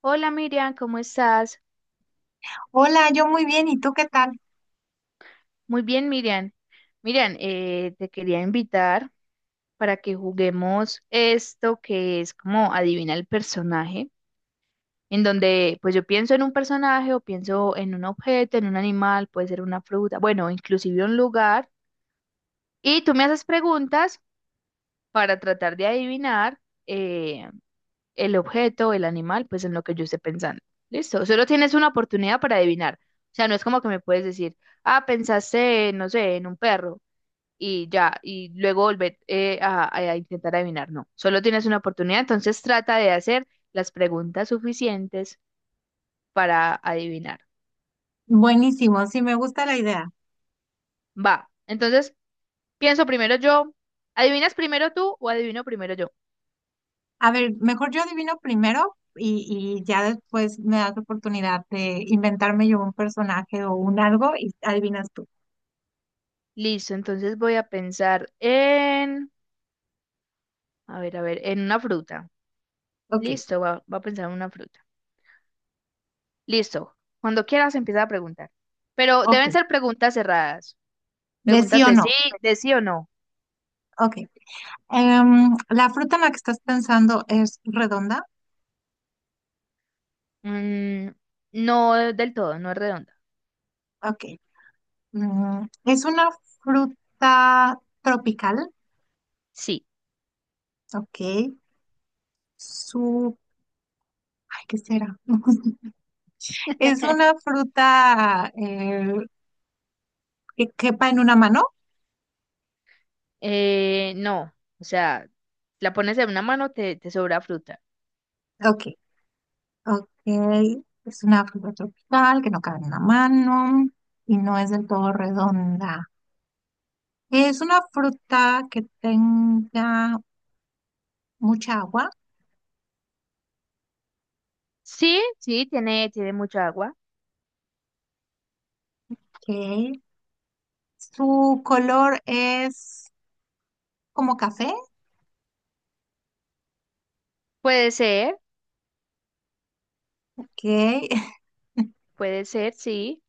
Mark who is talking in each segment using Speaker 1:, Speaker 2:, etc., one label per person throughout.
Speaker 1: Hola, Miriam, ¿cómo estás?
Speaker 2: Hola, yo muy bien, ¿y tú qué tal?
Speaker 1: Muy bien, Miriam. Miriam, te quería invitar para que juguemos esto que es como adivina el personaje, en donde pues yo pienso en un personaje o pienso en un objeto, en un animal, puede ser una fruta, bueno, inclusive un lugar, y tú me haces preguntas para tratar de adivinar eh, el objeto, el animal, pues en lo que yo esté pensando. Listo, solo tienes una oportunidad para adivinar. O sea, no es como que me puedes decir, ah, pensaste, no sé, en un perro y ya, y luego volver a intentar adivinar. No, solo tienes una oportunidad, entonces trata de hacer las preguntas suficientes para adivinar.
Speaker 2: Buenísimo, sí, me gusta la idea.
Speaker 1: Va, entonces pienso primero yo. ¿Adivinas primero tú o adivino primero yo?
Speaker 2: A ver, mejor yo adivino primero y ya después me das oportunidad de inventarme yo un personaje o un algo y adivinas tú.
Speaker 1: Listo, entonces voy a pensar en, a ver, en una fruta.
Speaker 2: Ok,
Speaker 1: Listo, va, va a pensar en una fruta. Listo. Cuando quieras empieza a preguntar. Pero
Speaker 2: ok,
Speaker 1: deben ser preguntas cerradas.
Speaker 2: de sí
Speaker 1: Preguntas
Speaker 2: o no.
Speaker 1: de sí o no.
Speaker 2: Ok. ¿La fruta en la que estás pensando es redonda?
Speaker 1: Mm, no del todo, no es redonda.
Speaker 2: Ok. Mm, ¿es una fruta tropical?
Speaker 1: Sí.
Speaker 2: Ok. Su... Ay, ¿qué será? Es una fruta que quepa en una mano.
Speaker 1: No. O sea, la pones en una mano, te sobra fruta.
Speaker 2: Ok, ok. Es una fruta tropical que no cabe en una mano y no es del todo redonda. Es una fruta que tenga mucha agua,
Speaker 1: Sí, sí, tiene, tiene mucha agua.
Speaker 2: que su color es como café,
Speaker 1: Puede ser,
Speaker 2: que
Speaker 1: puede ser, sí.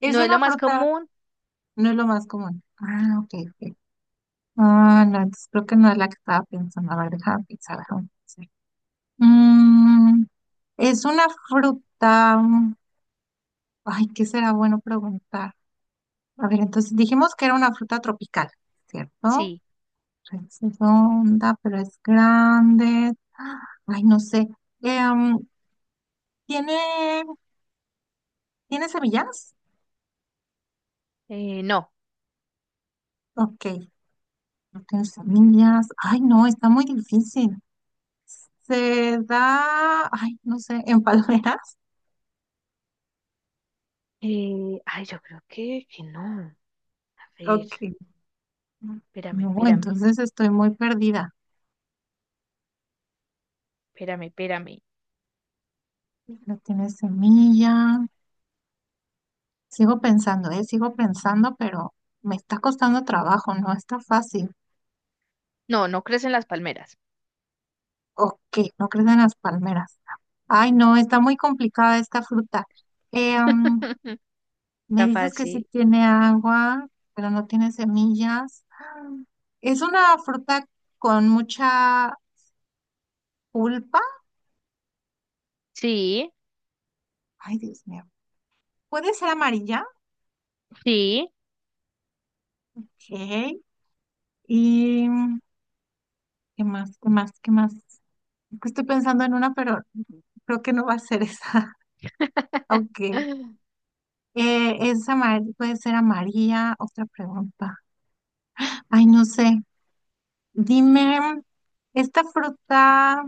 Speaker 2: es
Speaker 1: No es lo
Speaker 2: una
Speaker 1: más
Speaker 2: fruta,
Speaker 1: común,
Speaker 2: no es lo más común. Ah, ok, ok. Ah, no, entonces creo que no es la que estaba pensando. A ver, déjame pensar, déjame pensar. Mm, es una fruta. Ay, ¿qué será bueno preguntar? A ver, entonces dijimos que era una fruta tropical, ¿cierto?
Speaker 1: sí.
Speaker 2: Es redonda, pero es grande. Ah, ay, no sé. Em, ¿Tiene, tiene semillas?
Speaker 1: No.
Speaker 2: Ok, no tiene semillas. Ay, no, está muy difícil. Se da, ay, no sé, en palmeras.
Speaker 1: Ay, yo creo que no. A ver,
Speaker 2: Ok.
Speaker 1: espérame,
Speaker 2: No,
Speaker 1: espérame,
Speaker 2: entonces estoy muy perdida.
Speaker 1: espérame, espérame.
Speaker 2: No tiene semillas. Sigo pensando, pero me está costando trabajo, no está fácil.
Speaker 1: No, no crecen las palmeras.
Speaker 2: ¿O qué? ¿No crees en las palmeras? Ay, no, está muy complicada esta fruta. Eh, mm, me
Speaker 1: Está
Speaker 2: dices que sí
Speaker 1: fácil.
Speaker 2: tiene agua, pero no tiene semillas. Es una fruta con mucha pulpa.
Speaker 1: Sí,
Speaker 2: Ay, Dios mío. Puede ser amarilla.
Speaker 1: sí.
Speaker 2: Ok. ¿Y qué más? ¿Qué más? ¿Qué más? Es que estoy pensando en una, pero creo que no va a ser esa. Ok. Puede ser amarilla. Otra pregunta. Ay, no sé. Dime, esta fruta.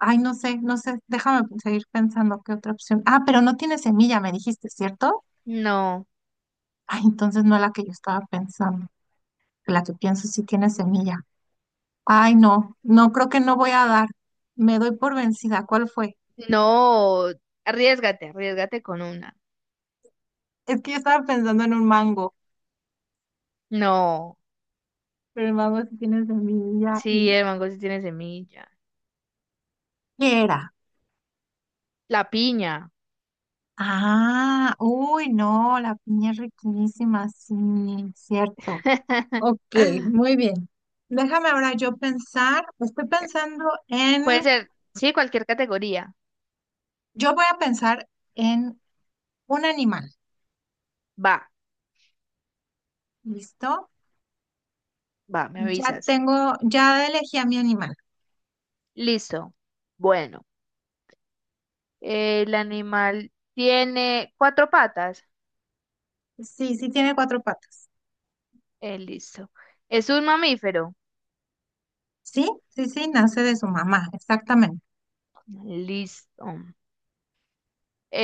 Speaker 2: Ay, no sé, no sé. Déjame seguir pensando qué otra opción. Ah, pero no tiene semilla, me dijiste, ¿cierto?
Speaker 1: No,
Speaker 2: Ay, entonces no la que yo estaba pensando. La que pienso sí tiene semilla. Ay, no, no creo que no voy a dar. Me doy por vencida. ¿Cuál fue?
Speaker 1: no. Arriesgate, arriesgate con una.
Speaker 2: Es que yo estaba pensando en un mango,
Speaker 1: No.
Speaker 2: pero el mango sí tiene semilla
Speaker 1: Sí,
Speaker 2: y...
Speaker 1: el mango sí tiene semilla.
Speaker 2: ¿Qué era?
Speaker 1: La piña.
Speaker 2: Ah, uy, no, la piña es riquísima, sí, cierto. Ok, muy bien. Déjame ahora yo pensar, estoy pensando en,
Speaker 1: Puede ser, sí, cualquier categoría.
Speaker 2: yo voy a pensar en un animal,
Speaker 1: Va,
Speaker 2: ¿listo?
Speaker 1: va, me
Speaker 2: Ya
Speaker 1: avisas.
Speaker 2: tengo, ya elegí a mi animal.
Speaker 1: Listo. Bueno, el animal tiene cuatro patas.
Speaker 2: Sí, sí tiene cuatro patas.
Speaker 1: Listo. Es un mamífero.
Speaker 2: Sí, sí, sí, nace de su mamá, exactamente.
Speaker 1: Listo.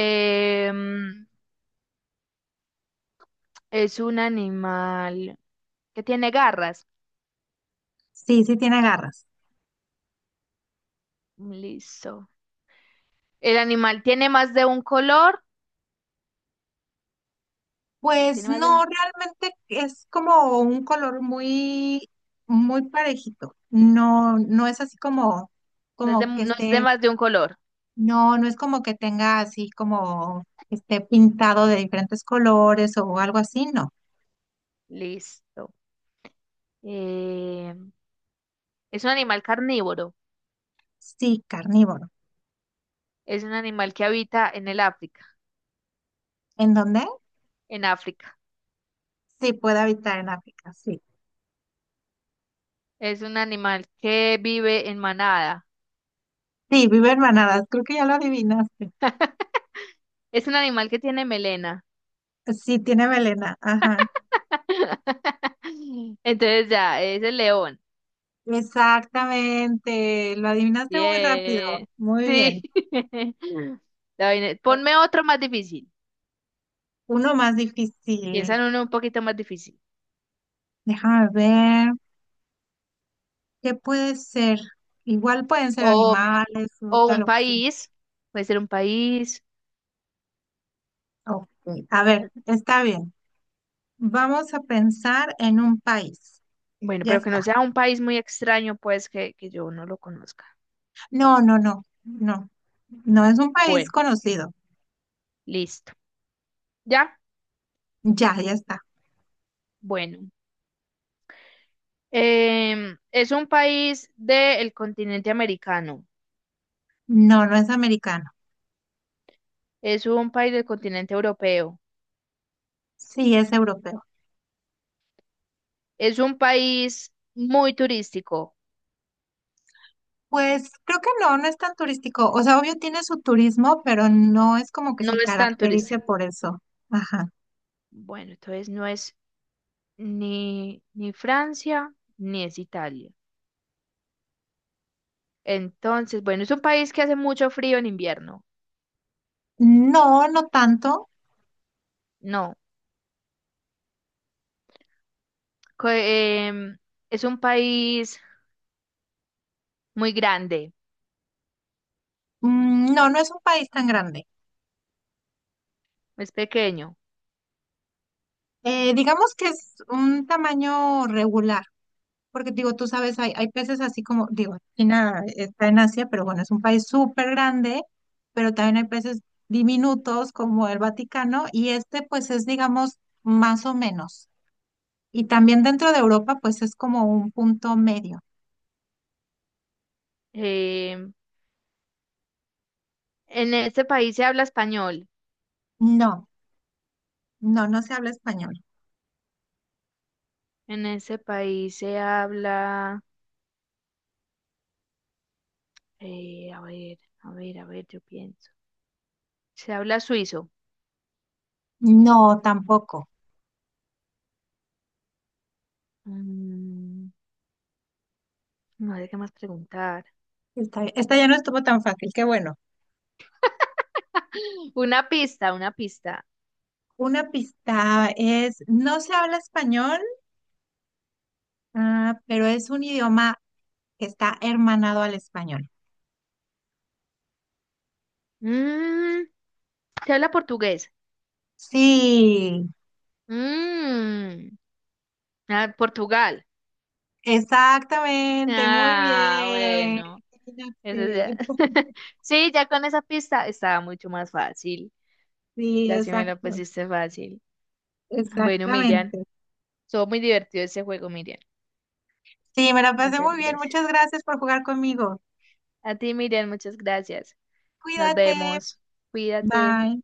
Speaker 1: Em, es un animal que tiene garras.
Speaker 2: Sí, sí tiene garras.
Speaker 1: Listo. El animal tiene más de un color.
Speaker 2: Pues
Speaker 1: Tiene más de
Speaker 2: no,
Speaker 1: un...
Speaker 2: realmente es como un color muy, muy parejito. No, no es así como,
Speaker 1: No es de,
Speaker 2: como que
Speaker 1: no es de
Speaker 2: esté,
Speaker 1: más de un color.
Speaker 2: no, no es como que tenga así como que esté pintado de diferentes colores o algo así, no.
Speaker 1: Listo. Eh, es un animal carnívoro.
Speaker 2: Sí, carnívoro.
Speaker 1: Es un animal que habita en el África.
Speaker 2: ¿En dónde?
Speaker 1: En África.
Speaker 2: Sí, puede habitar en África, sí.
Speaker 1: Es un animal que vive en manada.
Speaker 2: Sí, vive en manadas, creo que ya lo adivinaste.
Speaker 1: Es un animal que tiene melena.
Speaker 2: Sí, tiene melena, ajá.
Speaker 1: Entonces ya, es el león.
Speaker 2: Exactamente, lo adivinaste muy rápido.
Speaker 1: Yeah.
Speaker 2: Muy
Speaker 1: Sí.
Speaker 2: bien.
Speaker 1: La vaina es- Ponme otro más difícil.
Speaker 2: Uno más
Speaker 1: Piensa
Speaker 2: difícil.
Speaker 1: en uno un poquito más difícil.
Speaker 2: Déjame ver. ¿Qué puede ser? Igual pueden ser
Speaker 1: O,
Speaker 2: animales,
Speaker 1: o
Speaker 2: fruta,
Speaker 1: un
Speaker 2: lo que sea.
Speaker 1: país. Puede ser un país.
Speaker 2: Ok, a ver,
Speaker 1: O,
Speaker 2: está bien. Vamos a pensar en un país.
Speaker 1: bueno,
Speaker 2: Ya
Speaker 1: pero que no
Speaker 2: está.
Speaker 1: sea un país muy extraño, pues que yo no lo conozca.
Speaker 2: No, no, no, no. No es un país
Speaker 1: Bueno,
Speaker 2: conocido.
Speaker 1: listo. ¿Ya?
Speaker 2: Ya, ya está.
Speaker 1: Bueno. Es un país del continente americano.
Speaker 2: No, no es americano.
Speaker 1: Es un país del continente europeo.
Speaker 2: Sí, es europeo.
Speaker 1: Es un país muy turístico.
Speaker 2: Pues creo que no, no es tan turístico. O sea, obvio tiene su turismo, pero no es como que
Speaker 1: No
Speaker 2: se
Speaker 1: es tan
Speaker 2: caracterice
Speaker 1: turístico.
Speaker 2: por eso. Ajá.
Speaker 1: Bueno, entonces no es ni ni Francia, ni es Italia. Entonces, bueno, es un país que hace mucho frío en invierno.
Speaker 2: No, no tanto.
Speaker 1: No, co- es un país muy grande,
Speaker 2: Mm, no, no es un país tan grande.
Speaker 1: es pequeño.
Speaker 2: Digamos que es un tamaño regular, porque digo, tú sabes, hay peces así como, digo, China está en Asia, pero bueno, es un país súper grande, pero también hay peces diminutos como el Vaticano, y este pues es, digamos, más o menos. Y también dentro de Europa pues es como un punto medio.
Speaker 1: Em, en este país se habla español.
Speaker 2: No, no, no se habla español.
Speaker 1: En este país se habla, a ver, a ver, a ver, yo pienso. Se habla suizo.
Speaker 2: No, tampoco.
Speaker 1: Mm, no sé qué más preguntar.
Speaker 2: Esta ya no estuvo tan fácil, qué bueno.
Speaker 1: Una pista, una pista.
Speaker 2: Una pista es, no se habla español, ah, pero es un idioma que está hermanado al español.
Speaker 1: Mm, se habla portugués.
Speaker 2: Sí,
Speaker 1: Mm, ah, Portugal.
Speaker 2: exactamente, muy
Speaker 1: Ah,
Speaker 2: bien.
Speaker 1: bueno. Eso ya.
Speaker 2: Imagínate.
Speaker 1: Sí, ya con esa pista estaba mucho más fácil.
Speaker 2: Sí,
Speaker 1: Ya sí me lo
Speaker 2: exacto,
Speaker 1: pusiste fácil. Bueno, Miriam,
Speaker 2: exactamente.
Speaker 1: estuvo muy divertido ese juego, Miriam.
Speaker 2: Sí, me la pasé
Speaker 1: Muchas
Speaker 2: muy bien. Muchas
Speaker 1: gracias.
Speaker 2: gracias por jugar conmigo.
Speaker 1: A ti, Miriam, muchas gracias. Nos
Speaker 2: Cuídate.
Speaker 1: vemos. Cuídate.
Speaker 2: Bye.